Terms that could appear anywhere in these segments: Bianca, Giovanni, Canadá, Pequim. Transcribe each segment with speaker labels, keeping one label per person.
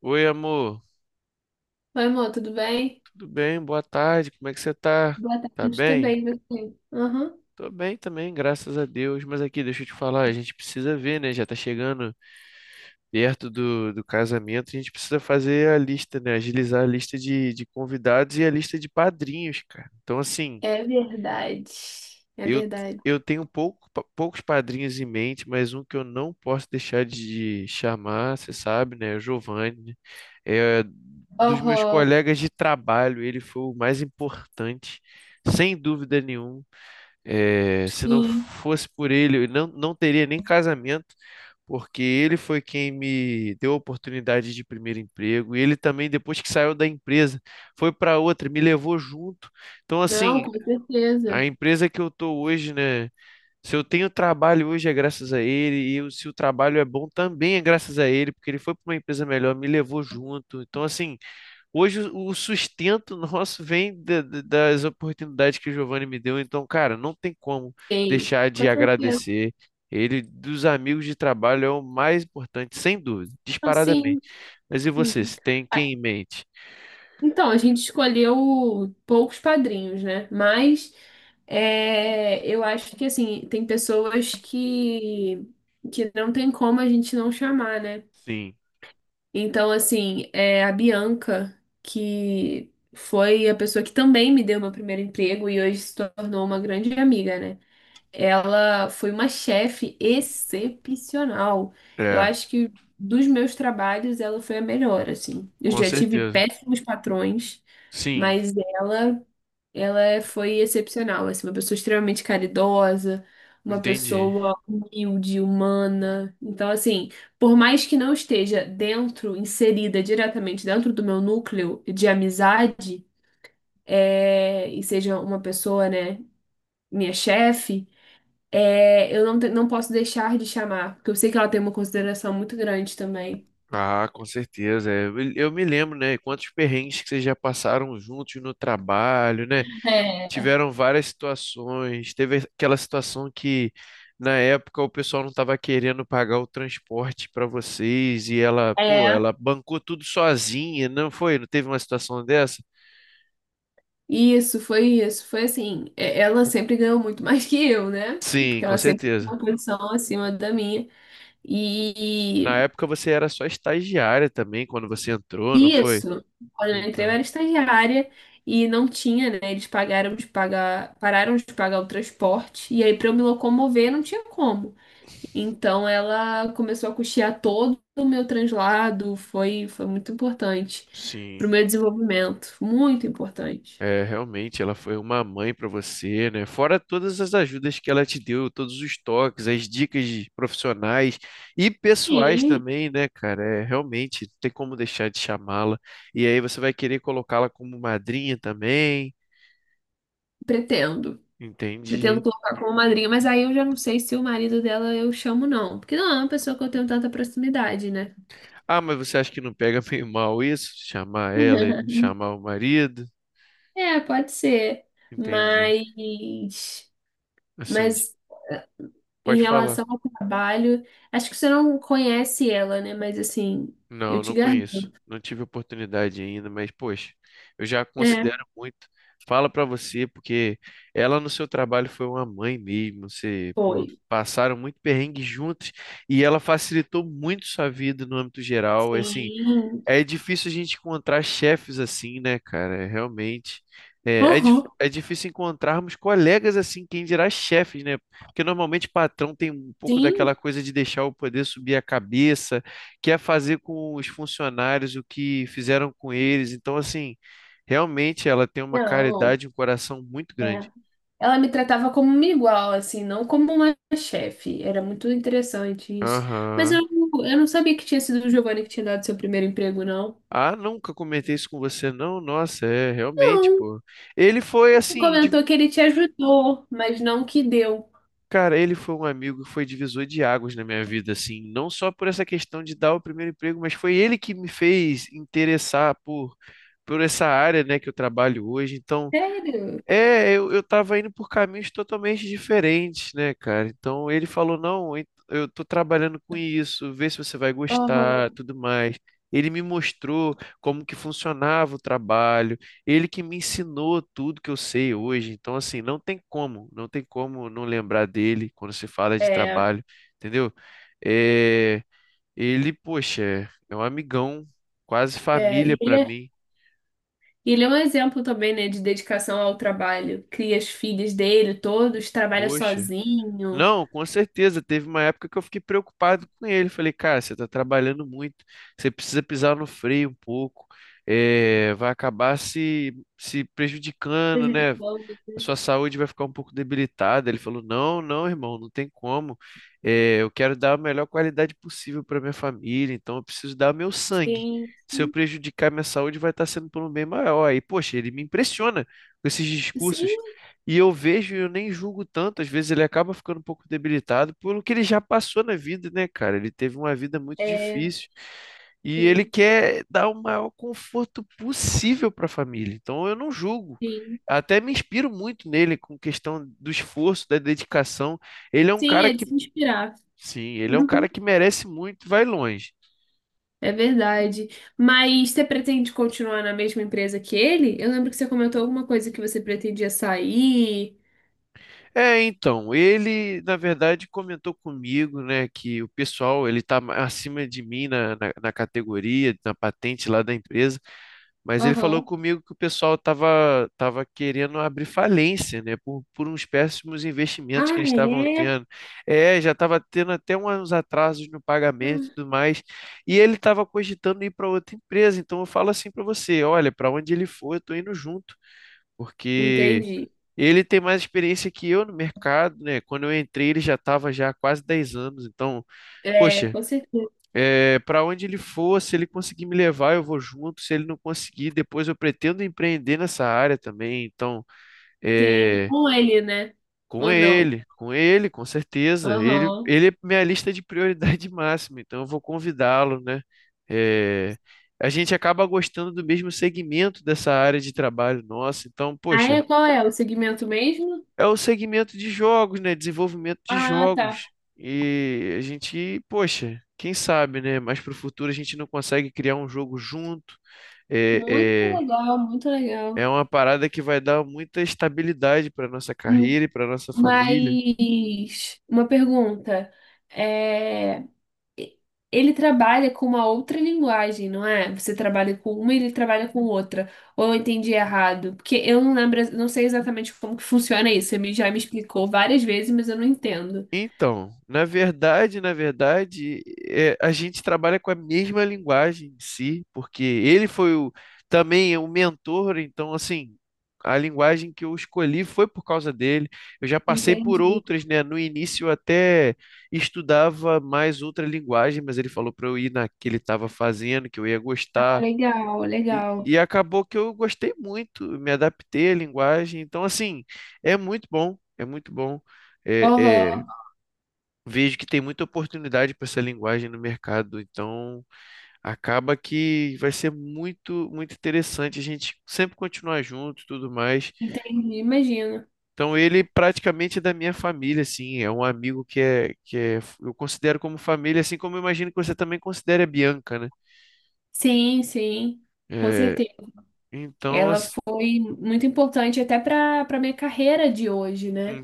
Speaker 1: Oi, amor.
Speaker 2: Oi, amor, tudo bem?
Speaker 1: Tudo bem? Boa tarde. Como é que você tá?
Speaker 2: Boa
Speaker 1: Tá
Speaker 2: tarde
Speaker 1: bem?
Speaker 2: também, você. Aham.
Speaker 1: Tô bem também, graças a Deus. Mas aqui, deixa eu te falar, a gente precisa ver, né? Já tá chegando perto do casamento, a gente precisa fazer a lista, né? Agilizar a lista de convidados e a lista de padrinhos, cara. Então, assim,
Speaker 2: É verdade. É
Speaker 1: eu,
Speaker 2: verdade.
Speaker 1: eu tenho pouco, poucos padrinhos em mente, mas um que eu não posso deixar de chamar, você sabe, né? É o Giovanni. Né? É, dos meus
Speaker 2: Aham,
Speaker 1: colegas de trabalho, ele foi o mais importante, sem dúvida nenhuma. É, se não
Speaker 2: sim.
Speaker 1: fosse por ele, eu não teria nem casamento, porque ele foi quem me deu a oportunidade de primeiro emprego. E ele também, depois que saiu da empresa, foi para outra, me levou junto. Então,
Speaker 2: Não,
Speaker 1: assim,
Speaker 2: com
Speaker 1: a
Speaker 2: certeza.
Speaker 1: empresa que eu estou hoje, né? Se eu tenho trabalho hoje é graças a ele, se o trabalho é bom também é graças a ele, porque ele foi para uma empresa melhor, me levou junto. Então, assim, hoje o sustento nosso vem das oportunidades que o Giovanni me deu. Então, cara, não tem como
Speaker 2: Sim,
Speaker 1: deixar de
Speaker 2: com certeza.
Speaker 1: agradecer. Ele, dos amigos de trabalho, é o mais importante, sem dúvida,
Speaker 2: Não,
Speaker 1: disparadamente.
Speaker 2: sim,
Speaker 1: Mas e você,
Speaker 2: sim.
Speaker 1: se tem
Speaker 2: Ah,
Speaker 1: quem em mente?
Speaker 2: então, a gente escolheu poucos padrinhos, né? Mas eu acho que, assim, tem pessoas que não tem como a gente não chamar, né?
Speaker 1: Sim,
Speaker 2: Então, assim, é a Bianca, que foi a pessoa que também me deu meu primeiro emprego e hoje se tornou uma grande amiga, né? Ela foi uma chefe excepcional. Eu
Speaker 1: é,
Speaker 2: acho que dos meus trabalhos, ela foi a melhor, assim. Eu
Speaker 1: com
Speaker 2: já tive
Speaker 1: certeza.
Speaker 2: péssimos patrões,
Speaker 1: Sim,
Speaker 2: mas ela. Foi excepcional, assim, uma pessoa extremamente caridosa, uma
Speaker 1: entendi.
Speaker 2: pessoa humilde, humana. Então, assim, por mais que não esteja dentro, inserida diretamente dentro do meu núcleo de amizade, e seja uma pessoa, né, minha chefe, é, eu não, te- não posso deixar de chamar, porque eu sei que ela tem uma consideração muito grande também.
Speaker 1: Ah, com certeza. É, eu me lembro, né? Quantos perrengues que vocês já passaram juntos no trabalho, né?
Speaker 2: É,
Speaker 1: Tiveram várias situações. Teve aquela situação que na época o pessoal não estava querendo pagar o transporte para vocês e ela, pô,
Speaker 2: é,
Speaker 1: ela bancou tudo sozinha, não foi? Não teve uma situação dessa?
Speaker 2: isso, foi isso. Foi assim, ela sempre ganhou muito mais que eu, né?
Speaker 1: Sim,
Speaker 2: Porque
Speaker 1: com
Speaker 2: ela sempre tinha uma
Speaker 1: certeza.
Speaker 2: posição acima da minha.
Speaker 1: Na
Speaker 2: E
Speaker 1: época você era só estagiária também quando você entrou, não foi?
Speaker 2: isso, quando eu entrei, eu
Speaker 1: Então,
Speaker 2: era estagiária e não tinha, né? Eles pagaram de pagar, Pararam de pagar o transporte. E aí, para eu me locomover, não tinha como. Então, ela começou a custear todo o meu translado. Foi, foi muito importante para
Speaker 1: sim.
Speaker 2: o meu desenvolvimento. Muito importante.
Speaker 1: É, realmente, ela foi uma mãe para você, né? Fora todas as ajudas que ela te deu, todos os toques, as dicas de profissionais e pessoais
Speaker 2: Sim,
Speaker 1: também, né, cara? É, realmente, não tem como deixar de chamá-la. E aí você vai querer colocá-la como madrinha também,
Speaker 2: pretendo. Pretendo
Speaker 1: entendi.
Speaker 2: colocar como madrinha, mas aí eu já não sei se o marido dela eu chamo, não. Porque não é uma pessoa que eu tenho tanta proximidade, né?
Speaker 1: Ah, mas você acha que não pega meio mal isso? Chamar ela e não chamar o marido?
Speaker 2: É, pode ser.
Speaker 1: Entendi.
Speaker 2: Mas,
Speaker 1: Assim,
Speaker 2: mas em
Speaker 1: pode falar.
Speaker 2: relação ao trabalho, acho que você não conhece ela, né? Mas assim, eu
Speaker 1: Não,
Speaker 2: te
Speaker 1: não
Speaker 2: garanto.
Speaker 1: conheço. Não tive oportunidade ainda, mas poxa, eu já
Speaker 2: É,
Speaker 1: considero muito. Fala pra você, porque ela no seu trabalho foi uma mãe mesmo. Você, pô,
Speaker 2: foi.
Speaker 1: passaram muito perrengue juntos e ela facilitou muito sua vida no âmbito geral. Assim,
Speaker 2: Sim.
Speaker 1: é difícil a gente encontrar chefes assim, né, cara? É realmente.
Speaker 2: Uhum.
Speaker 1: É difícil encontrarmos colegas assim, quem dirá chefes, né? Porque normalmente patrão tem um pouco
Speaker 2: Sim.
Speaker 1: daquela coisa de deixar o poder subir a cabeça, quer fazer com os funcionários o que fizeram com eles. Então, assim, realmente ela tem uma
Speaker 2: Não.
Speaker 1: caridade, um coração muito grande.
Speaker 2: É. Ela me tratava como uma igual, assim, não como uma chefe. Era muito interessante isso. Mas
Speaker 1: Aham.
Speaker 2: eu não sabia que tinha sido o Giovanni que tinha dado seu primeiro emprego, não.
Speaker 1: Ah, nunca comentei isso com você, não? Nossa, é, realmente,
Speaker 2: Não,
Speaker 1: pô. Ele foi assim,
Speaker 2: comentou que ele te ajudou, mas não que deu.
Speaker 1: cara, ele foi um amigo que foi divisor de águas na minha vida, assim, não só por essa questão de dar o primeiro emprego, mas foi ele que me fez interessar por essa área, né, que eu trabalho hoje. Então,
Speaker 2: Sério?
Speaker 1: é, eu tava indo por caminhos totalmente diferentes, né, cara? Então ele falou: não, eu tô trabalhando com isso, vê se você vai gostar,
Speaker 2: Aham.
Speaker 1: tudo mais. Ele me mostrou como que funcionava o trabalho, ele que me ensinou tudo que eu sei hoje. Então, assim, não tem como não lembrar dele quando se fala de
Speaker 2: É,
Speaker 1: trabalho, entendeu? É, ele, poxa, é um amigão, quase
Speaker 2: é,
Speaker 1: família
Speaker 2: e ele
Speaker 1: pra
Speaker 2: é,
Speaker 1: mim,
Speaker 2: e ele é um exemplo também, né, de dedicação ao trabalho. Cria as filhas dele, todos, trabalha
Speaker 1: poxa.
Speaker 2: sozinho,
Speaker 1: Não, com certeza. Teve uma época que eu fiquei preocupado com ele. Falei, cara, você está trabalhando muito, você precisa pisar no freio um pouco, vai acabar se prejudicando, né?
Speaker 2: prejudicando.
Speaker 1: A sua saúde vai ficar um pouco debilitada. Ele falou: Não, não, irmão, não tem como. Eu quero dar a melhor qualidade possível para minha família, então eu preciso dar meu sangue.
Speaker 2: Sim,
Speaker 1: Se eu
Speaker 2: sim,
Speaker 1: prejudicar minha saúde, vai estar sendo por um bem maior. Aí, poxa, ele me impressiona com esses discursos.
Speaker 2: sim,
Speaker 1: E eu vejo e eu nem julgo tanto. Às vezes ele acaba ficando um pouco debilitado pelo que ele já passou na vida, né, cara? Ele teve uma vida muito
Speaker 2: é,
Speaker 1: difícil. E ele
Speaker 2: sim,
Speaker 1: quer dar o maior conforto possível para a família. Então eu não julgo.
Speaker 2: sim.
Speaker 1: Até me inspiro muito nele com questão do esforço, da dedicação. Ele é um
Speaker 2: Sim,
Speaker 1: cara
Speaker 2: é de
Speaker 1: que,
Speaker 2: se inspirar.
Speaker 1: sim, ele é um
Speaker 2: Uhum.
Speaker 1: cara que merece muito, e vai longe.
Speaker 2: É verdade. Mas você pretende continuar na mesma empresa que ele? Eu lembro que você comentou alguma coisa que você pretendia sair.
Speaker 1: É, então, ele, na verdade, comentou comigo, né, que o pessoal, ele tá acima de mim na categoria, na patente lá da empresa. Mas ele falou
Speaker 2: Aham.
Speaker 1: comigo que o pessoal estava tava querendo abrir falência, né? Por uns péssimos investimentos que
Speaker 2: Ah,
Speaker 1: eles estavam
Speaker 2: é?
Speaker 1: tendo. É, já estava tendo até uns atrasos no pagamento e tudo mais. E ele estava cogitando ir para outra empresa. Então eu falo assim para você: olha, para onde ele for, eu estou indo junto, porque
Speaker 2: Entendi.
Speaker 1: ele tem mais experiência que eu no mercado, né? Quando eu entrei, ele já estava já há quase 10 anos. Então,
Speaker 2: É,
Speaker 1: poxa.
Speaker 2: com certeza.
Speaker 1: É, para onde ele for, se ele conseguir me levar, eu vou junto. Se ele não conseguir, depois eu pretendo empreender nessa área também. Então,
Speaker 2: Sim,
Speaker 1: é,
Speaker 2: com ele, né? Ou não?
Speaker 1: com ele, com certeza. Ele,
Speaker 2: Aham.
Speaker 1: ele é minha lista de prioridade máxima, então eu vou convidá-lo, né? É, a gente acaba gostando do mesmo segmento dessa área de trabalho nossa. Então,
Speaker 2: Ah,
Speaker 1: poxa,
Speaker 2: é? Qual é? O segmento mesmo?
Speaker 1: é o segmento de jogos, né? Desenvolvimento de
Speaker 2: Ah, tá.
Speaker 1: jogos. E a gente, poxa, quem sabe, né? Mas para o futuro a gente não consegue criar um jogo junto. É,
Speaker 2: Muito
Speaker 1: é,
Speaker 2: legal, muito
Speaker 1: é
Speaker 2: legal.
Speaker 1: uma parada que vai dar muita estabilidade para nossa
Speaker 2: Hum,
Speaker 1: carreira e para nossa família.
Speaker 2: Mas uma pergunta. É, Ele trabalha com uma outra linguagem, não é? Você trabalha com uma e ele trabalha com outra. Ou eu entendi errado? Porque eu não lembro, não sei exatamente como que funciona isso. Já me explicou várias vezes, mas eu não entendo.
Speaker 1: Então, na verdade, é, a gente trabalha com a mesma linguagem em si, porque ele foi o, também é o mentor, então, assim, a linguagem que eu escolhi foi por causa dele. Eu já passei por
Speaker 2: Entendi.
Speaker 1: outras, né? No início eu até estudava mais outra linguagem, mas ele falou para eu ir na que ele estava fazendo, que eu ia
Speaker 2: Ah,
Speaker 1: gostar.
Speaker 2: legal,
Speaker 1: E,
Speaker 2: legal.
Speaker 1: e acabou que eu gostei muito, me adaptei à linguagem. Então, assim, é muito bom. É, é,
Speaker 2: Aham,
Speaker 1: vejo que tem muita oportunidade para essa linguagem no mercado, então acaba que vai ser muito, muito interessante a gente sempre continuar junto e tudo mais.
Speaker 2: entendi, imagino.
Speaker 1: Então ele praticamente é da minha família, assim, é um amigo eu considero como família, assim como eu imagino que você também considere a Bianca, né?
Speaker 2: Sim, sim, com
Speaker 1: É,
Speaker 2: certeza.
Speaker 1: então,
Speaker 2: Ela foi muito importante até para minha carreira de hoje, né?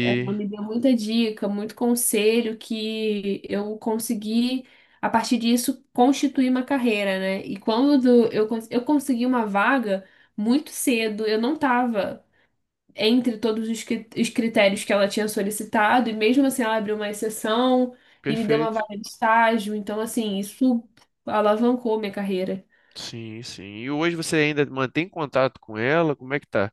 Speaker 2: Ela me deu muita dica, muito conselho que eu consegui, a partir disso, constituir uma carreira, né? E quando eu consegui uma vaga muito cedo, eu não estava entre todos os critérios que ela tinha solicitado, e mesmo assim ela abriu uma exceção e me deu uma
Speaker 1: Perfeito.
Speaker 2: vaga de estágio, então, assim, isso alavancou minha carreira.
Speaker 1: Sim, sim. E hoje você ainda mantém contato com ela? Como é que tá?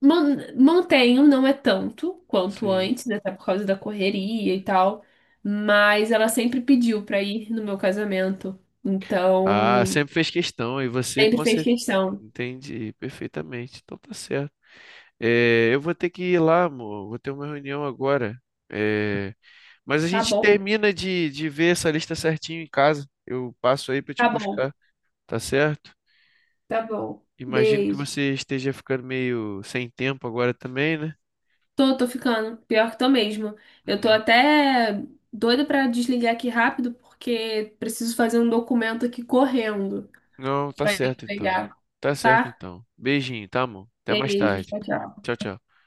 Speaker 2: Montenho não é tanto quanto
Speaker 1: Sim.
Speaker 2: antes, né? Até por causa da correria e tal, mas ela sempre pediu pra ir no meu casamento.
Speaker 1: Ah,
Speaker 2: Então,
Speaker 1: sempre fez questão, e você
Speaker 2: sempre
Speaker 1: com
Speaker 2: fez questão.
Speaker 1: entendi perfeitamente. Então tá certo. É, eu vou ter que ir lá, amor. Vou ter uma reunião agora. É, mas a
Speaker 2: Tá
Speaker 1: gente
Speaker 2: bom,
Speaker 1: termina de ver essa lista certinho em casa. Eu passo aí pra te
Speaker 2: tá bom,
Speaker 1: buscar, tá certo?
Speaker 2: tá bom.
Speaker 1: Imagino que
Speaker 2: Beijo.
Speaker 1: você esteja ficando meio sem tempo agora também, né?
Speaker 2: Tô, tô ficando. Pior que tô mesmo. Eu tô
Speaker 1: Hum.
Speaker 2: até doida pra desligar aqui rápido, porque preciso fazer um documento aqui correndo
Speaker 1: Não, tá
Speaker 2: pra
Speaker 1: certo então.
Speaker 2: entregar,
Speaker 1: Tá certo
Speaker 2: tá?
Speaker 1: então. Beijinho, tá, amor? Até mais
Speaker 2: Beijo,
Speaker 1: tarde.
Speaker 2: tchau, tchau.
Speaker 1: Tchau, tchau.